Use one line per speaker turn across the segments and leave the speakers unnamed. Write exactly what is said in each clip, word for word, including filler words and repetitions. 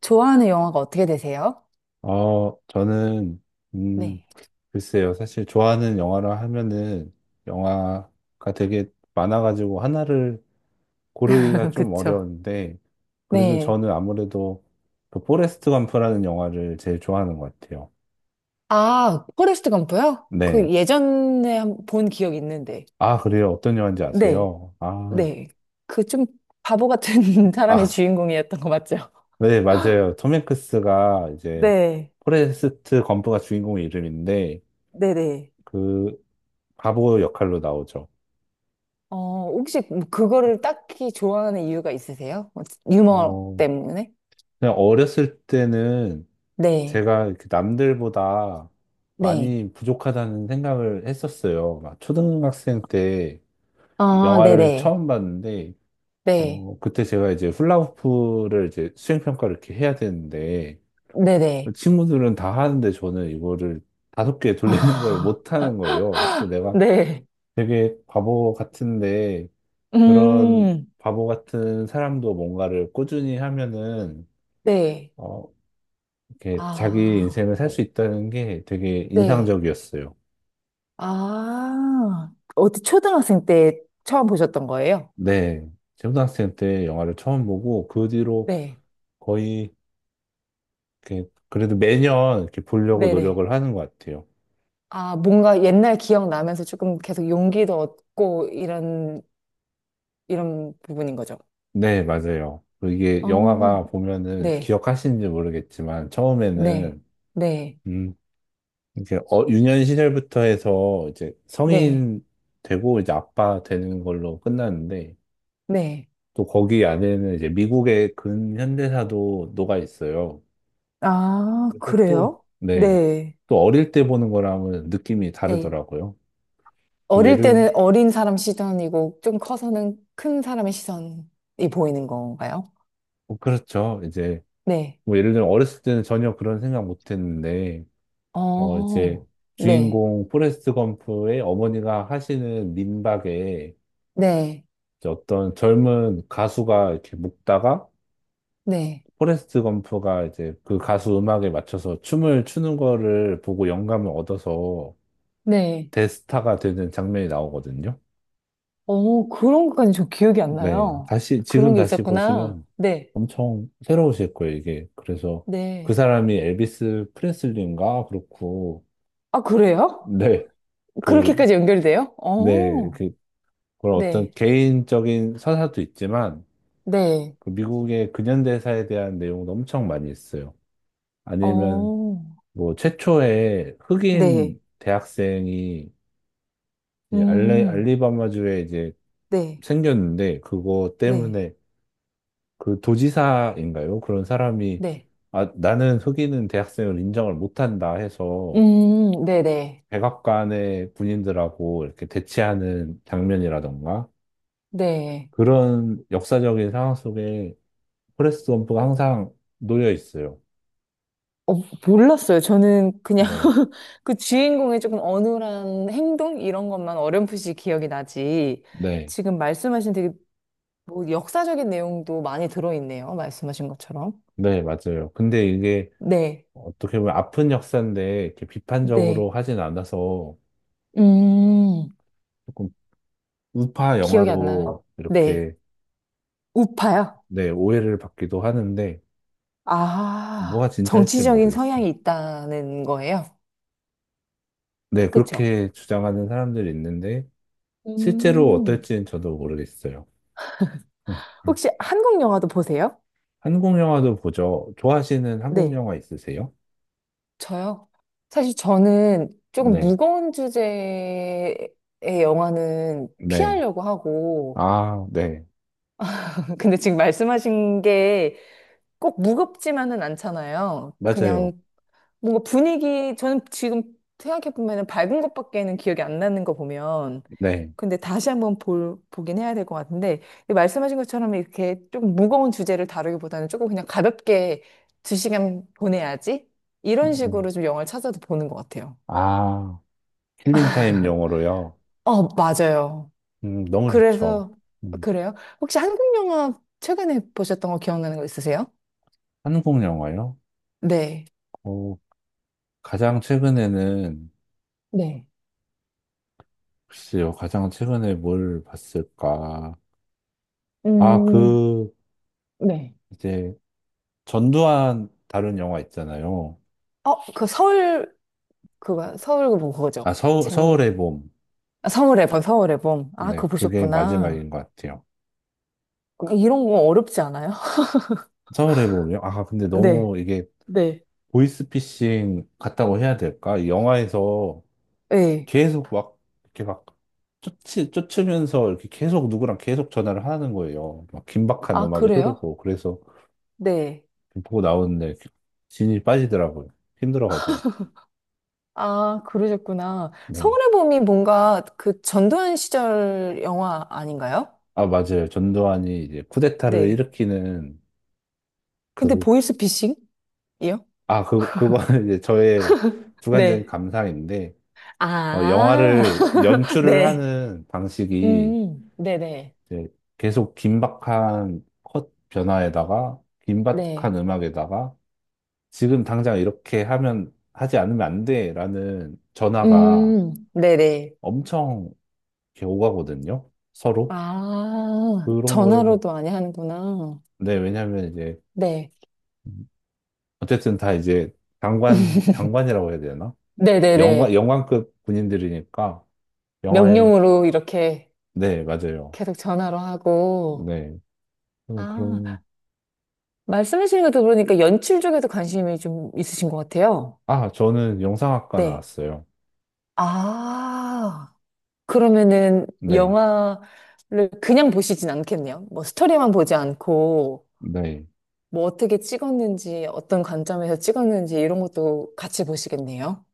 좋아하는 영화가 어떻게 되세요?
어, 저는, 음,
네.
글쎄요. 사실 좋아하는 영화라 하면은 영화가 되게 많아가지고 하나를 고르기가 좀
그쵸.
어려운데, 그래도
네.
저는 아무래도 그 포레스트 검프라는 영화를 제일 좋아하는 것 같아요.
아, 포레스트 검프요?
네.
그 예전에 한 본 기억 있는데.
아, 그래요. 어떤 영화인지
네.
아세요? 아,
네. 그 좀 바보 같은 사람이
아,
주인공이었던 거 맞죠?
네, 맞아요. 톰 행크스가 이제
네.
포레스트 검프가 주인공 이름인데,
네네.
그 바보 역할로 나오죠.
어, 혹시 뭐 그거를 딱히 좋아하는 이유가 있으세요? 어, 유머
어,
때문에?
그냥 어렸을 때는
네.
제가 이렇게 남들보다
네.
많이 부족하다는 생각을 했었어요. 막 초등학생 때
아,
영화를
네네.
처음 봤는데,
네.
어, 그때 제가 이제 훌라후프를 이제 수행평가를 이렇게 해야 되는데,
네네.
친구들은 다 하는데 저는 이거를 다섯 개 돌리는 걸
아,
못하는 거예요. 그래서 내가
네.
되게 바보 같은데, 그런
음,
바보 같은 사람도 뭔가를 꾸준히 하면은,
네.
어, 이렇게 자기
아.
인생을 살 수 있다는 게 되게
네.
인상적이었어요.
아, 어디 초등학생 때 처음 보셨던 거예요?
네, 초등학생 때 영화를 처음 보고 그 뒤로
네.
거의 이렇게 그래도 매년 이렇게 보려고
네네.
노력을 하는 것 같아요.
아, 뭔가 옛날 기억 나면서 조금 계속 용기도 얻고 이런, 이런 부분인 거죠.
네, 맞아요. 그리고 이게
어,
영화가 보면은
네.
기억하시는지 모르겠지만
네.
처음에는
네.
음, 이렇게 어, 유년 시절부터 해서 이제
네.
성인 되고 이제 아빠 되는 걸로 끝났는데
네.
또 거기 안에는 이제 미국의 근현대사도 녹아 있어요.
아,
그래서 또
그래요?
네,
네.
또 어릴 때 보는 거랑은 느낌이
네.
다르더라고요. 그
어릴
예를,
때는 어린 사람 시선이고 좀 커서는 큰 사람의 시선이 보이는 건가요?
어, 그렇죠. 이제,
네.
뭐 예를 들면 어렸을 때는 전혀 그런 생각 못 했는데, 어, 이제
어, 네.
주인공 포레스트 검프의 어머니가 하시는 민박에
네.
이제 어떤 젊은 가수가 이렇게 묵다가
네.
포레스트 검프가 이제 그 가수 음악에 맞춰서 춤을 추는 거를 보고 영감을 얻어서
네.
대스타가 되는 장면이 나오거든요.
어, 그런 것까지 저 기억이 안
네,
나요.
다시, 지금
그런 게
다시
있었구나.
보시면
네.
엄청 새로우실 거예요, 이게. 그래서 그
네.
사람이 엘비스 프레슬리인가? 그렇고,
아, 그래요?
네, 그,
그렇게까지 연결돼요?
네,
어,
그, 그런
네.
어떤 개인적인 서사도 있지만,
네.
그 미국의 근현대사에 대한 내용도 엄청 많이 있어요. 아니면,
어,
뭐, 최초의
네.
흑인 대학생이 이제 알리,
음,
알리바마주에 이제
네.
생겼는데, 그거
네.
때문에 그 도지사인가요? 그런 사람이
네.
아, 나는 흑인은 대학생을 인정을 못한다 해서
음, 네네.
백악관의 군인들하고 이렇게 대치하는 장면이라던가
네.
그런 역사적인 상황 속에 포레스트 검프가 항상 놓여 있어요.
어, 몰랐어요. 저는 그냥
네,
그 주인공의 조금 어눌한 행동? 이런 것만 어렴풋이 기억이 나지.
네,
지금 말씀하신 되게 뭐 역사적인 내용도 많이 들어있네요. 말씀하신 것처럼.
네, 맞아요. 근데 이게
네,
어떻게 보면 아픈 역사인데 이렇게 비판적으로
네.
하진 않아서
음,
조금 우파
기억이 안 나네.
영화로
네.
이렇게
우파요?
네, 오해를 받기도 하는데
아,
뭐가 진짜일지
정치적인
모르겠어요.
성향이 있다는 거예요.
네,
그쵸?
그렇게 주장하는 사람들이 있는데, 실제로
음.
어떨지는 저도 모르겠어요. 음.
혹시 한국 영화도 보세요?
한국 영화도 보죠. 좋아하시는 한국
네.
영화 있으세요?
저요? 사실 저는 조금
네,
무거운 주제의 영화는
네.
피하려고 하고,
아, 네.
근데 지금 말씀하신 게 꼭 무겁지만은 않잖아요.
맞아요.
그냥 뭔가 분위기, 저는 지금 생각해보면 밝은 것밖에는 기억이 안 나는 거 보면.
네.
근데 다시 한번 볼, 보긴 해야 될 것 같은데, 근데 말씀하신 것처럼 이렇게 조금 무거운 주제를 다루기보다는 조금 그냥 가볍게 두 시간 보내야지? 이런
음.
식으로 좀 영화를 찾아서 보는 것 같아요.
아, 힐링타임 영어로요.
어, 맞아요.
음, 너무 좋죠.
그래서,
음,
그래요? 혹시 한국 영화 최근에 보셨던 거 기억나는 거 있으세요?
한국 영화요?
네.
어, 가장 최근에는,
네.
글쎄요, 가장 최근에 뭘 봤을까. 아,
음,
그,
네.
이제, 전두환 다룬 영화 있잖아요.
어, 그 서울, 그거, 서울 뭐
아,
그거죠.
서울,
제목이.
서울의 봄.
아, 서울의 봄 서울의 봄. 아,
네,
그거
그게
보셨구나.
마지막인 것 같아요.
그러니까 이런 거 어렵지 않아요?
서울의 봄이요? 아, 근데
네,
너무 이게
네,
보이스피싱 같다고 해야 될까? 이 영화에서
네.
계속 막, 이렇게 막, 쫓, 쫓으면서 이렇게 계속 누구랑 계속 전화를 하는 거예요. 막 긴박한
아,
음악이
그래요?
흐르고. 그래서
네.
보고 나오는데 진이 빠지더라고요. 힘들어가지고.
아, 그러셨구나.
네.
서울의 봄이 뭔가 그 전두환 시절 영화 아닌가요?
아, 맞아요. 전두환이 이제 쿠데타를
네.
일으키는
근데
그,
보이스 피싱이요?
아, 그, 그거는 이제 저의 주관적인
네.
감상인데, 어,
아,
영화를 연출을
네.
하는 방식이
음, 네네.
이제 계속 긴박한 컷 변화에다가
네. 네.
긴박한 음악에다가 지금 당장 이렇게 하면 하지 않으면 안 돼라는 전화가
음, 네네.
엄청 이렇게 오가거든요. 서로
아,
그런 걸
전화로도 많이 하는구나.
네, 왜냐하면 이제
네.
어쨌든 다 이제 장관 장관이라고 해야 되나? 영관
네네네.
영관급 군인들이니까 영화에
명령으로 이렇게
네, 맞아요.
계속 전화로 하고.
네. 음, 그런
아, 말씀해주신 것도 그러니까 연출 쪽에도 관심이 좀 있으신 것 같아요.
아, 저는 영상학과
네.
나왔어요.
아, 그러면은
네,
영화를 그냥 보시진 않겠네요. 뭐 스토리만 보지 않고,
네.
뭐 어떻게 찍었는지, 어떤 관점에서 찍었는지 이런 것도 같이 보시겠네요.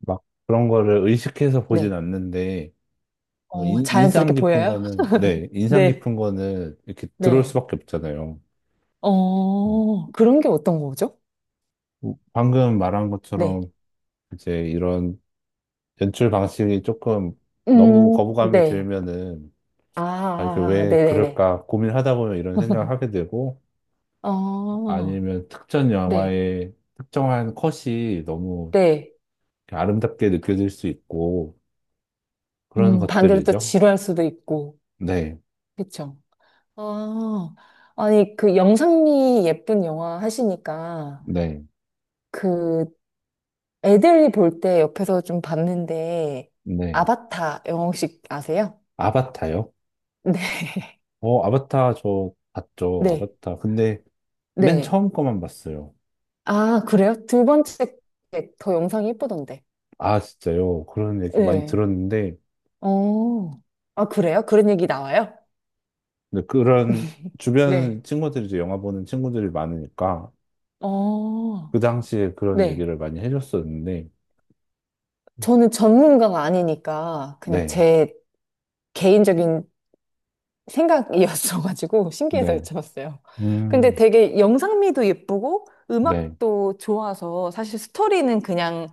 막 그런 거를 의식해서 보진
네.
않는데, 어,
어,
인,
자연스럽게
인상 깊은
보여요?
거는, 네, 인상
네.
깊은 거는 이렇게 들어올
네.
수밖에 없잖아요. 네.
어, 그런 게 어떤 거죠?
어, 방금 말한
네.
것처럼 이제 이런 연출 방식이 조금 너무
음,
거부감이
네.
들면은, 아, 이게
아,
왜
네네네.
그럴까 고민하다 보면 이런 생각을 하게 되고,
아,
아니면 특정
네,
영화의 특정한 컷이 너무
네.
아름답게 느껴질 수 있고, 그런
음, 반대로 또
것들이죠.
지루할 수도 있고.
네,
그쵸. 아, 아니, 그 영상미 예쁜 영화 하시니까,
네,
그 애들이 볼 때 옆에서 좀 봤는데,
네.
아바타 영화 혹시 아세요?
아바타요?
네,
어, 아바타 저 봤죠.
네,
아바타. 근데 맨
네.
처음 거만 봤어요.
아, 그래요? 두 번째 게더 영상이 예쁘던데.
아, 진짜요? 그런 얘기 많이
네.
들었는데,
어, 아, 그래요? 그런 얘기 나와요?
근데 그런 주변
네.
친구들이 이제 영화 보는 친구들이 많으니까
어,
그 당시에 그런
네.
얘기를 많이 해줬었는데,
저는 전문가가 아니니까 그냥
네,
제 개인적인 생각이었어가지고 신기해서
네,
여쭤봤어요. 근데
음,
되게 영상미도 예쁘고
네,
음악도 좋아서 사실 스토리는 그냥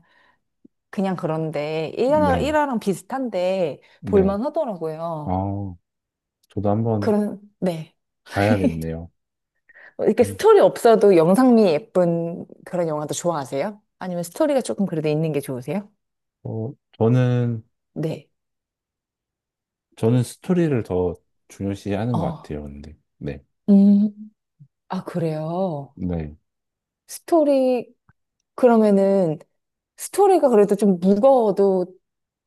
그냥 그런데 일화,
네,
일화랑 비슷한데
네.
볼만 하더라고요.
아, 저도 한번
그런 네.
봐야겠네요.
이렇게
음,
스토리 없어도 영상미 예쁜 그런 영화도 좋아하세요? 아니면 스토리가 조금 그래도 있는 게 좋으세요?
어, 저는,
네.
저는 스토리를 더 중요시하는 것
어.
같아요, 근데. 네.
음. 아, 그래요.
네.
스토리 그러면은 스토리가 그래도 좀 무거워도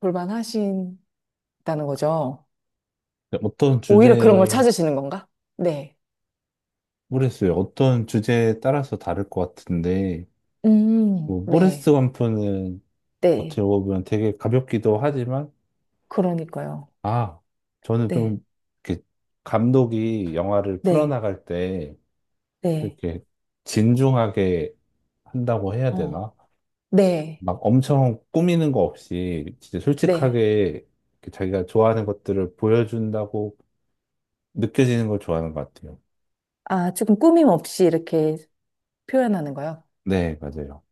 볼만하신다는 거죠.
어떤
오히려 그런 걸
주제,
찾으시는 건가? 네.
모르겠어요. 어떤 주제에 따라서 다를 것 같은데,
음,
뭐, 모레스
네.
완프는 어떻게
네.
보면 되게 가볍기도 하지만,
그러니까요.
아, 저는
네.
좀, 이렇게, 감독이 영화를
네.
풀어나갈 때,
네.
이렇게, 진중하게 한다고 해야
어.
되나?
네.
막 엄청 꾸미는 거 없이, 진짜
네.
솔직하게, 이렇게 자기가 좋아하는 것들을 보여준다고 느껴지는 걸 좋아하는 것 같아요.
아, 조금 꾸밈 없이 이렇게 표현하는 거요.
네, 맞아요.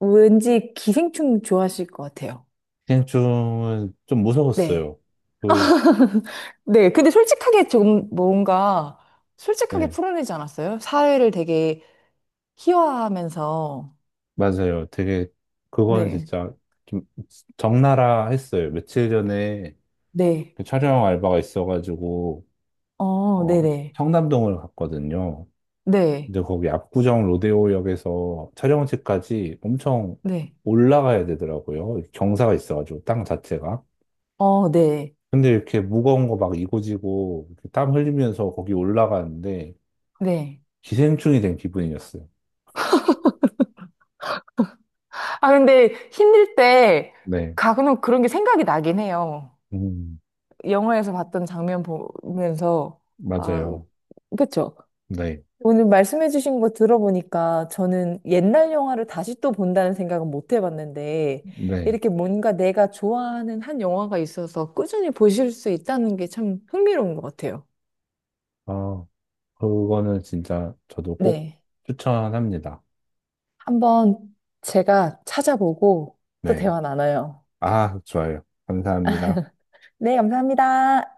왠지 기생충 좋아하실 것 같아요.
기생충은 좀
네.
무서웠어요. 그,
네, 근데 솔직하게 조금 뭔가 솔직하게
네,
풀어내지 않았어요? 사회를 되게 희화화하면서
맞아요. 되게, 그건
네,
진짜 좀 적나라 했어요. 며칠 전에
네,
그 촬영 알바가 있어가지고,
어,
어,
네네,
청담동을 갔거든요.
네,
근데 거기 압구정 로데오역에서 촬영지까지 엄청
네,
올라가야 되더라고요. 경사가 있어가지고, 땅 자체가.
어, 네,
근데 이렇게 무거운 거 막 이고지고, 이렇게 땀 흘리면서 거기 올라가는데,
네.
기생충이 된 기분이었어요.
아, 근데 힘들 때
네.
가끔 그런 게 생각이 나긴 해요.
음.
영화에서 봤던 장면 보면서, 아,
맞아요.
그쵸.
네,
오늘 말씀해주신 거 들어보니까 저는 옛날 영화를 다시 또 본다는 생각은 못 해봤는데
네.
이렇게 뭔가 내가 좋아하는 한 영화가 있어서 꾸준히 보실 수 있다는 게 참 흥미로운 것 같아요.
아, 그거는 진짜 저도 꼭
네.
추천합니다.
한번 제가 찾아보고 또
네.
대화 나눠요.
아, 좋아요. 감사합니다.
네, 감사합니다.